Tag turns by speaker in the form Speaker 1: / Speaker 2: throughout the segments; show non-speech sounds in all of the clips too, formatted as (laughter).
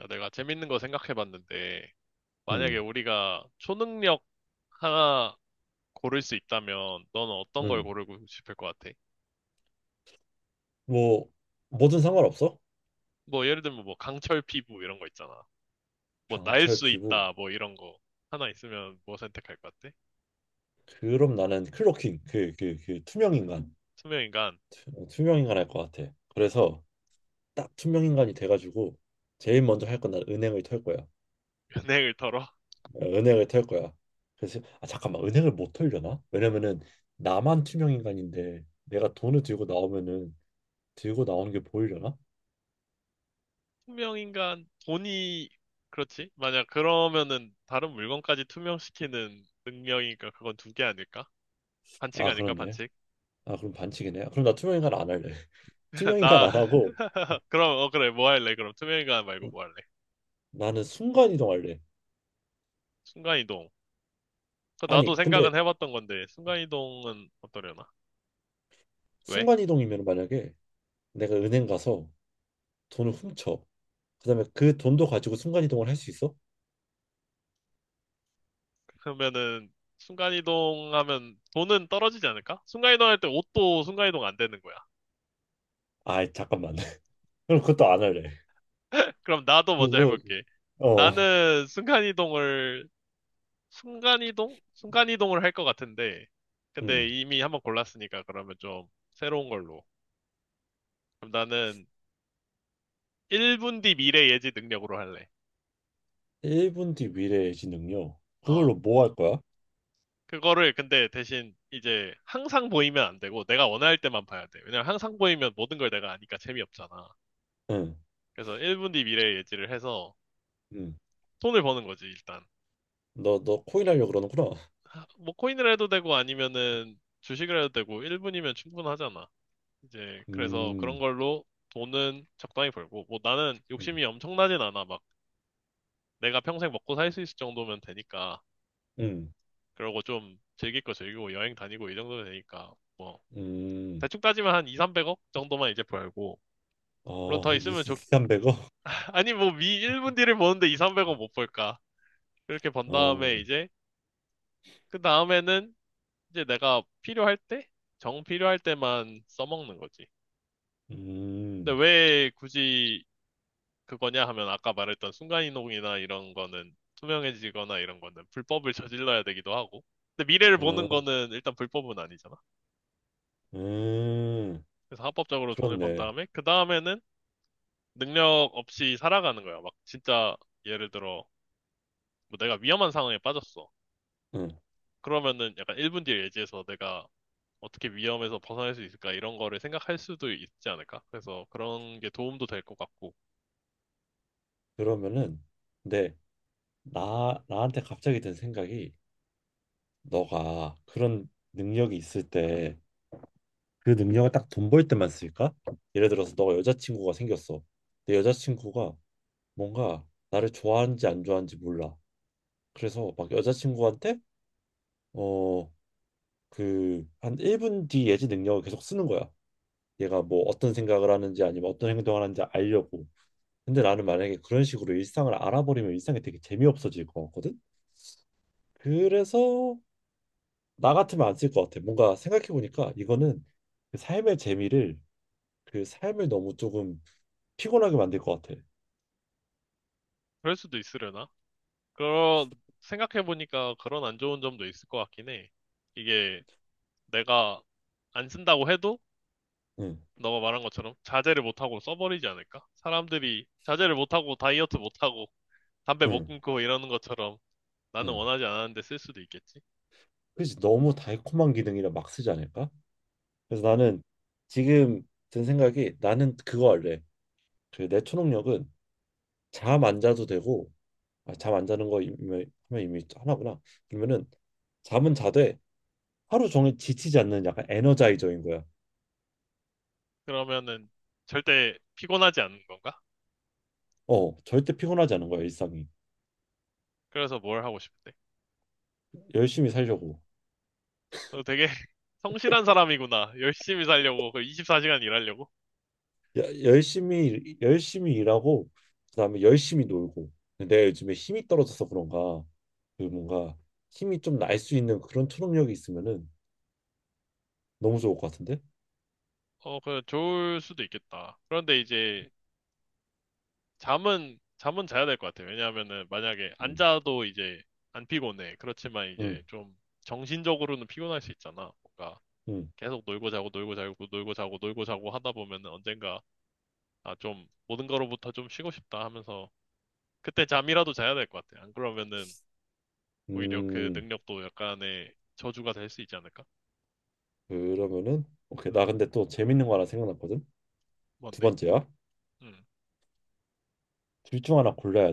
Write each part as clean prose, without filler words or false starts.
Speaker 1: 야, 내가 재밌는 거 생각해봤는데, 만약에
Speaker 2: 음,
Speaker 1: 우리가 초능력 하나 고를 수 있다면, 너는 어떤 걸
Speaker 2: 음.
Speaker 1: 고르고 싶을 것 같아?
Speaker 2: 뭐 뭐든 상관없어?
Speaker 1: 뭐, 예를 들면 뭐, 강철 피부 이런 거 있잖아. 뭐, 날
Speaker 2: 강철
Speaker 1: 수
Speaker 2: 피부.
Speaker 1: 있다, 뭐, 이런 거. 하나 있으면 뭐 선택할 것 같아?
Speaker 2: 그럼 나는 클로킹 그 투명 인간.
Speaker 1: 투명인간,
Speaker 2: 투명 인간 할 것 같아. 그래서 딱 투명 인간이 돼가지고 제일 먼저 할 건 난 은행을 털 거야.
Speaker 1: 연예인을 털어? (laughs)
Speaker 2: 은행을 털 거야. 그래서 아, 잠깐만, 은행을 못 털려나? 왜냐면은 나만 투명 인간인데 내가 돈을 들고 나오면은 들고 나오는 게 보이려나?
Speaker 1: 투명인간, 돈이, 그렇지? 만약 그러면은, 다른 물건까지 투명시키는 능력이니까 그건 두 개 아닐까? 반칙
Speaker 2: 아,
Speaker 1: 아닐까,
Speaker 2: 그렇네.
Speaker 1: 반칙?
Speaker 2: 아, 그럼 반칙이네. 그럼 나 투명 인간 안 할래. (laughs)
Speaker 1: (laughs)
Speaker 2: 투명 인간
Speaker 1: 나,
Speaker 2: 안 하고
Speaker 1: (laughs) 그럼, 어, 그래, 뭐 할래? 그럼 투명인간 말고 뭐 할래?
Speaker 2: 나는 순간 이동할래.
Speaker 1: 순간이동. 그 나도
Speaker 2: 아니 근데
Speaker 1: 생각은 해봤던 건데, 순간이동은 어떠려나? 왜?
Speaker 2: 순간이동이면 만약에 내가 은행 가서 돈을 훔쳐 그다음에 그 돈도 가지고 순간이동을 할 수 있어?
Speaker 1: 그러면은, 순간이동 하면 돈은 떨어지지 않을까? 순간이동 할 때 옷도 순간이동 안 되는 거야.
Speaker 2: 아, 잠깐만. (laughs) 그럼 그것도 안 할래.
Speaker 1: (laughs) 그럼 나도 먼저
Speaker 2: 그거
Speaker 1: 해볼게.
Speaker 2: 어
Speaker 1: 나는 순간이동을, 순간이동? 순간이동을 할 것 같은데, 근데
Speaker 2: 응.
Speaker 1: 이미 한번 골랐으니까 그러면 좀 새로운 걸로. 그럼 나는 1분 뒤 미래 예지 능력으로 할래.
Speaker 2: 1분 뒤 미래의 능요,
Speaker 1: 어,
Speaker 2: 그걸로 뭐 할 거야?
Speaker 1: 그거를 근데 대신 이제 항상 보이면 안 되고 내가 원할 때만 봐야 돼. 왜냐면 항상 보이면 모든 걸 내가 아니까 재미없잖아.
Speaker 2: 응.
Speaker 1: 그래서 1분 뒤 미래 예지를 해서
Speaker 2: 응.
Speaker 1: 돈을 버는 거지, 일단.
Speaker 2: 너 코인 하려고 그러는구나.
Speaker 1: 뭐 코인을 해도 되고 아니면은 주식을 해도 되고 1분이면 충분하잖아. 이제 그래서 그런
Speaker 2: 음.
Speaker 1: 걸로 돈은 적당히 벌고 뭐 나는
Speaker 2: 음.
Speaker 1: 욕심이 엄청나진 않아. 막 내가 평생 먹고 살 수 있을 정도면 되니까.
Speaker 2: 음.
Speaker 1: 그러고 좀 즐길 거 즐기고 여행 다니고 이 정도면 되니까 뭐
Speaker 2: 음.
Speaker 1: 대충 따지면 한 2, 300억 정도만 이제 벌고 물론
Speaker 2: 어,
Speaker 1: 더 있으면 좋
Speaker 2: 2,300억?
Speaker 1: 아니, 뭐, 미 1분 뒤를 보는데 2, 300원 못 벌까. 그렇게 번 다음에
Speaker 2: 어.
Speaker 1: 이제, 그 다음에는 이제 내가 필요할 때? 정 필요할 때만 써먹는 거지. 근데
Speaker 2: 음.
Speaker 1: 왜 굳이 그거냐 하면 아까 말했던 순간이동이나 이런 거는 투명해지거나 이런 거는 불법을 저질러야 되기도 하고. 근데 미래를 보는
Speaker 2: 어.
Speaker 1: 거는 일단 불법은 아니잖아.
Speaker 2: 음.
Speaker 1: 그래서 합법적으로 돈을 번
Speaker 2: 그렇네.
Speaker 1: 다음에, 그 다음에는 능력 없이 살아가는 거야. 막 진짜 예를 들어, 뭐 내가 위험한 상황에 빠졌어.
Speaker 2: 응.
Speaker 1: 그러면은 약간 1분 뒤에 예지해서 내가 어떻게 위험에서 벗어날 수 있을까 이런 거를 생각할 수도 있지 않을까? 그래서 그런 게 도움도 될 것 같고
Speaker 2: 그러면은, 네. 나 나한테 갑자기 든 생각이, 너가 그런 능력이 있을 때 그 능력을 딱 돈 벌 때만 쓸까? 예를 들어서 너가 여자친구가 생겼어. 내 여자친구가 뭔가 나를 좋아하는지 안 좋아하는지 몰라. 그래서 막 여자친구한테 어 한 1분 뒤 예지 능력을 계속 쓰는 거야. 얘가 뭐 어떤 생각을 하는지 아니면 어떤 행동을 하는지 알려고. 근데 나는 만약에 그런 식으로 일상을 알아버리면 일상이 되게 재미없어질 것 같거든. 그래서 나 같으면 안 쓸 것 같아. 뭔가 생각해 보니까 이거는 그 삶의 재미를 그 삶을 너무 조금 피곤하게 만들 것 같아.
Speaker 1: 그럴 수도 있으려나? 그런 생각해 보니까 그런 안 좋은 점도 있을 것 같긴 해. 이게 내가 안 쓴다고 해도
Speaker 2: 응,
Speaker 1: 너가 말한 것처럼 자제를 못 하고 써버리지 않을까? 사람들이 자제를 못 하고 다이어트 못 하고 담배 못
Speaker 2: 응,
Speaker 1: 끊고 이러는 것처럼 나는
Speaker 2: 응.
Speaker 1: 원하지 않았는데 쓸 수도 있겠지?
Speaker 2: 그렇지. 너무 달콤한 기능이라 막 쓰지 않을까? 그래서 나는, 지금 든 생각이, 나는 그거 할래. 그 내 초능력은 잠 안 자도 되고. 아, 잠안 자는 거 이미, 하면 이미 하나구나. 그러면은 잠은 자되 하루 종일 지치지 않는 약간 에너자이저인 거야.
Speaker 1: 그러면은 절대 피곤하지 않는 건가?
Speaker 2: 어, 절대 피곤하지 않은 거야, 일상이.
Speaker 1: 그래서 뭘 하고 싶대?
Speaker 2: 열심히 살려고.
Speaker 1: 너 되게 (laughs) 성실한 사람이구나. 열심히 살려고, 그 24시간 일하려고?
Speaker 2: 열심히 일하고 그다음에 열심히 놀고. 근데 내가 요즘에 힘이 떨어져서 그런가, 그 뭔가 힘이 좀 날 수 있는 그런 초능력이 있으면은 너무 좋을 것 같은데.
Speaker 1: 어, 그 좋을 수도 있겠다. 그런데 이제 잠은 자야 될 것 같아. 왜냐하면은 만약에 안 자도 이제 안 피곤해. 그렇지만 이제 좀 정신적으로는 피곤할 수 있잖아. 뭔가
Speaker 2: 음음음음.
Speaker 1: 계속 놀고 자고 놀고 자고 놀고 자고 놀고 자고 하다 보면은 언젠가 아, 좀 모든 거로부터 좀 쉬고 싶다 하면서 그때 잠이라도 자야 될 것 같아. 안 그러면은 오히려 그 능력도 약간의 저주가 될 수 있지 않을까?
Speaker 2: 그러면은 오케이, 나 근데 또 재밌는 거 하나 생각났거든. 두
Speaker 1: 뭔데?
Speaker 2: 번째야.
Speaker 1: 음.
Speaker 2: 둘 중 하나 골라야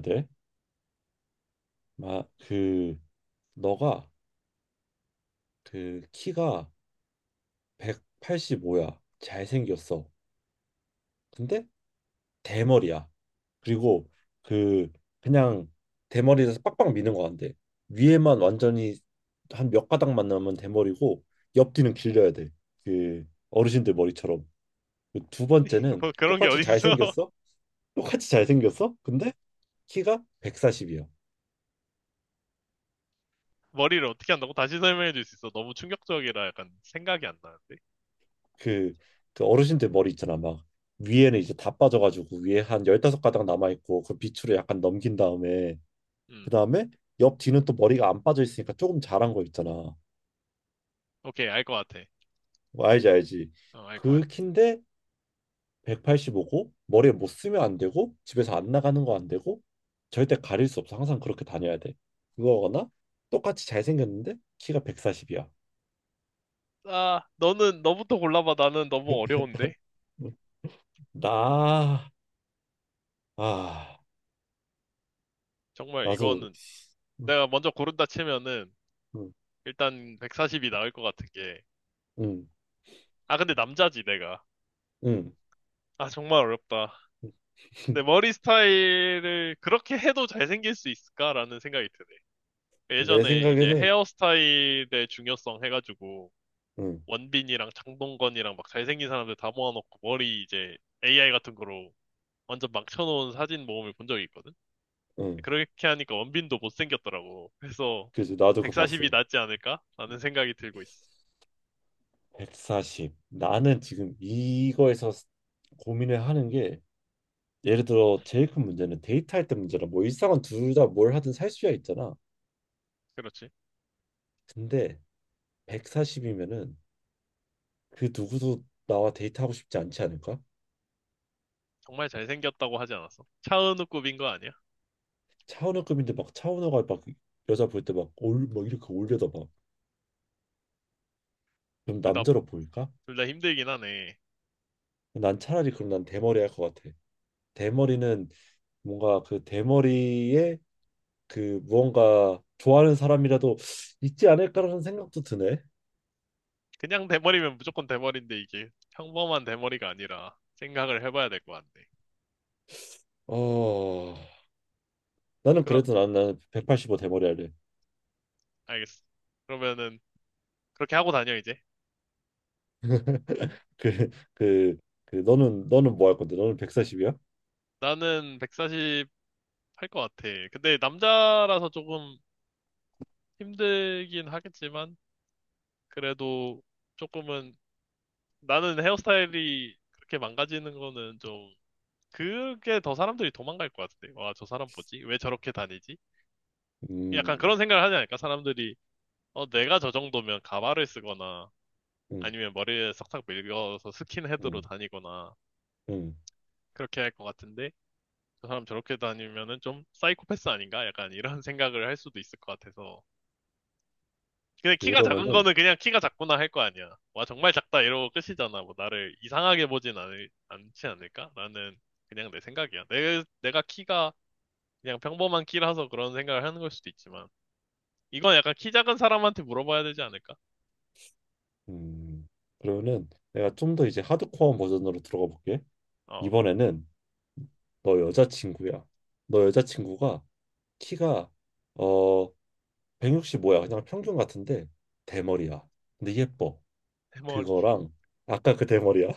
Speaker 2: 돼막그. 너가 그 키가 185야, 잘생겼어, 근데 대머리야. 그리고 그 그냥 대머리에서 빡빡 미는 거 같은데 위에만 완전히, 한 몇 가닥만 남으면 대머리고 옆뒤는 길려야 돼. 그 어르신들 머리처럼. 그두
Speaker 1: (laughs)
Speaker 2: 번째는
Speaker 1: 뭐 그런 게
Speaker 2: 똑같이
Speaker 1: 어딨어?
Speaker 2: 잘생겼어?
Speaker 1: (laughs)
Speaker 2: 똑같이 잘생겼어, 근데 키가 140이야.
Speaker 1: 머리를 어떻게 한다고? 다시 설명해 줄 수 있어. 너무 충격적이라 약간 생각이 안 나는데?
Speaker 2: 그, 그 어르신들 머리 있잖아. 막 위에는 이제 다 빠져가지고 위에 한 15가닥 남아있고 그 밑으로 약간 넘긴 다음에, 그
Speaker 1: 음,
Speaker 2: 다음에 옆 뒤는 또 머리가 안 빠져 있으니까 조금 자란 거 있잖아.
Speaker 1: 오케이, 알 것 같아.
Speaker 2: 뭐, 알지 알지.
Speaker 1: 어, 알 것
Speaker 2: 그
Speaker 1: 같아.
Speaker 2: 키인데 185고 머리에 못 쓰면 안 되고 집에서 안 나가는 거 안 되고, 절대 가릴 수 없어. 항상 그렇게 다녀야 돼. 그거거나 똑같이 잘생겼는데 키가 140이야.
Speaker 1: 아, 너부터 골라봐. 나는 너무 어려운데?
Speaker 2: 나, 아,
Speaker 1: 정말
Speaker 2: 나도,
Speaker 1: 이거는
Speaker 2: 응,
Speaker 1: 내가 먼저 고른다 치면은
Speaker 2: 응,
Speaker 1: 일단 140이 나올 것 같은 게.
Speaker 2: 응,
Speaker 1: 아, 근데 남자지, 내가.
Speaker 2: 응.
Speaker 1: 아, 정말 어렵다. 근데
Speaker 2: (laughs)
Speaker 1: 머리 스타일을 그렇게 해도 잘생길 수 있을까라는 생각이 드네.
Speaker 2: 내
Speaker 1: 예전에 이제
Speaker 2: 생각에는,
Speaker 1: 헤어스타일의 중요성 해가지고
Speaker 2: 응,
Speaker 1: 원빈이랑 장동건이랑 막 잘생긴 사람들 다 모아놓고 머리 이제 AI 같은 거로 완전 막 쳐놓은 사진 모음을 본 적이 있거든?
Speaker 2: 응.
Speaker 1: 그렇게 하니까 원빈도 못생겼더라고. 그래서
Speaker 2: 그래서 나도 그거 봤어.
Speaker 1: 140이 낫지 않을까? 라는 생각이 들고 있어.
Speaker 2: 140. 나는 지금 이거에서 고민을 하는 게, 예를 들어 제일 큰 문제는 데이트할 때 문제라, 뭐 일상은 둘 다 뭘 하든 살 수야 있잖아.
Speaker 1: 그렇지.
Speaker 2: 근데 140이면은 그 누구도 나와 데이트하고 싶지 않지 않을까?
Speaker 1: 정말 잘생겼다고 하지 않았어? 차은우급인 거 아니야?
Speaker 2: 차은우급인데 막 차은우가 막 여자 볼 때 막 올 막 이렇게 올려다 봐. 그럼
Speaker 1: 둘 다,
Speaker 2: 남자로 보일까?
Speaker 1: 둘 다 힘들긴 하네.
Speaker 2: 난 차라리, 그럼 난 대머리 할 것 같아. 대머리는 뭔가, 그 대머리에 그 무언가 좋아하는 사람이라도 있지 않을까라는 생각도 드네.
Speaker 1: 그냥 대머리면 무조건 대머리인데 이게 평범한 대머리가 아니라 생각을 해봐야 될 것 같네.
Speaker 2: 어 나는
Speaker 1: 그럼,
Speaker 2: 그래도 난 나는 185 대머리 할래.
Speaker 1: 알겠어. 그러면은 그렇게 하고 다녀, 이제.
Speaker 2: 그, 그, 너는 뭐 할 건데? 너는 140이야?
Speaker 1: 나는 140 할 것 같아. 근데 남자라서 조금 힘들긴 하겠지만, 그래도 조금은, 나는 헤어스타일이 그렇게 망가지는 거는 좀, 그게 더 사람들이 도망갈 것 같은데. 와, 저 사람 뭐지? 왜 저렇게 다니지? 약간
Speaker 2: 음,
Speaker 1: 그런 생각을 하지 않을까? 사람들이, 어, 내가 저 정도면 가발을 쓰거나,
Speaker 2: 음,
Speaker 1: 아니면 머리에 싹싹 밀려서 스킨헤드로
Speaker 2: 음,
Speaker 1: 다니거나,
Speaker 2: 음.
Speaker 1: 그렇게 할 것 같은데, 저 사람 저렇게 다니면은 좀 사이코패스 아닌가? 약간 이런 (laughs) 생각을 할 수도 있을 것 같아서. 근데 키가 작은
Speaker 2: 그러면은,
Speaker 1: 거는 그냥 키가 작구나 할 거 아니야. 와, 정말 작다 이러고 끝이잖아. 뭐 나를 이상하게 보진 않지 않을까? 나는 그냥 내 생각이야. 내가 키가 그냥 평범한 키라서 그런 생각을 하는 걸 수도 있지만. 이건 약간 키 작은 사람한테 물어봐야 되지 않을까?
Speaker 2: 음, 내가 좀 더 이제 하드코어 버전으로 들어가 볼게.
Speaker 1: 어,
Speaker 2: 이번에는 너 여자친구야. 너 여자친구가 키가 어 165야. 그냥 평균 같은데 대머리야. 근데 예뻐.
Speaker 1: 대머리.
Speaker 2: 그거랑 아까 그 대머리야.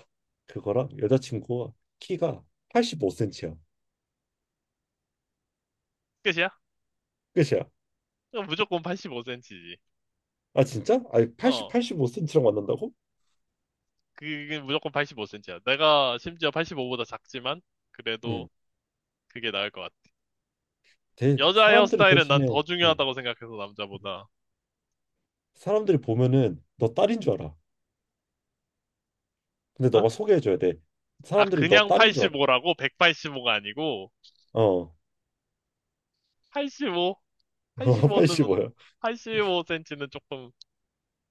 Speaker 2: 그거랑 여자친구가 키가 85cm야.
Speaker 1: 끝이야?
Speaker 2: 끝이야.
Speaker 1: 그럼 무조건 85cm지.
Speaker 2: 아, 진짜? 아니, 8
Speaker 1: 어,
Speaker 2: 85cm랑 만난다고?
Speaker 1: 그게 무조건 85cm야. 내가 심지어 85보다 작지만, 그래도
Speaker 2: 응.
Speaker 1: 그게 나을 것 같아. 여자
Speaker 2: 사람들이
Speaker 1: 헤어스타일은 난
Speaker 2: 대신에,
Speaker 1: 더
Speaker 2: 응,
Speaker 1: 중요하다고 생각해서 남자보다.
Speaker 2: 사람들이 보면은 너 딸인 줄 알아. 근데
Speaker 1: 어?
Speaker 2: 너가 소개해줘야 돼.
Speaker 1: 아,
Speaker 2: 사람들이 너
Speaker 1: 그냥
Speaker 2: 딸인 줄 알아.
Speaker 1: 85라고 185가 아니고
Speaker 2: 어,
Speaker 1: 85?
Speaker 2: (laughs)
Speaker 1: 85는
Speaker 2: 85야.
Speaker 1: 85cm는 조금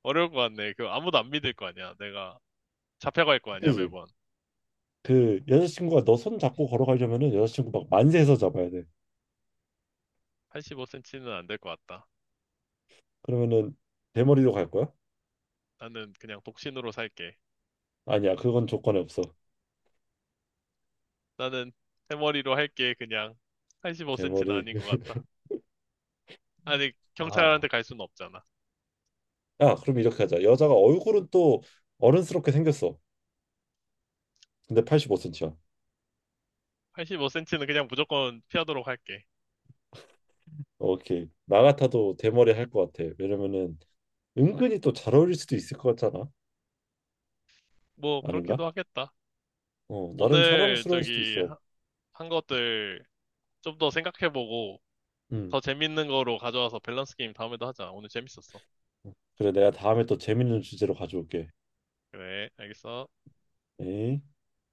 Speaker 1: 어려울 것 같네. 그 아무도 안 믿을 거 아니야. 내가 잡혀갈 거 아니야,
Speaker 2: 그지?
Speaker 1: 매번.
Speaker 2: 그 여자친구가 너 손 잡고 걸어가려면은 여자친구 막 만세해서 잡아야 돼.
Speaker 1: 85cm는 안 될 것 같다.
Speaker 2: 그러면은 대머리로 갈 거야?
Speaker 1: 나는 그냥 독신으로 살게.
Speaker 2: 아니야, 그건 조건에 없어.
Speaker 1: 나는 대머리로 할게. 그냥 85cm는
Speaker 2: 대머리.
Speaker 1: 아닌 것 같다. 아니,
Speaker 2: (laughs) 아,
Speaker 1: 경찰한테 갈 수는 없잖아.
Speaker 2: 야, 그럼 이렇게 하자. 여자가 얼굴은 또 어른스럽게 생겼어. 근데 85cm야.
Speaker 1: 85cm는 그냥 무조건 피하도록 할게.
Speaker 2: 오케이. 나 같아도 대머리 할 것 같아. 왜냐면은 은근히 또 잘 어울릴 수도 있을 것 같잖아.
Speaker 1: 뭐
Speaker 2: 아닌가?
Speaker 1: 그렇게도 하겠다.
Speaker 2: 어, 나름
Speaker 1: 오늘
Speaker 2: 사랑스러울 수도
Speaker 1: 저기
Speaker 2: 있어.
Speaker 1: 한 것들 좀 더 생각해보고
Speaker 2: 음.
Speaker 1: 더 재밌는 거로 가져와서 밸런스 게임 다음에도 하자. 오늘 재밌었어.
Speaker 2: 그래, 내가 다음에 또 재밌는 주제로 가져올게.
Speaker 1: 그래, 알겠어.
Speaker 2: 에이.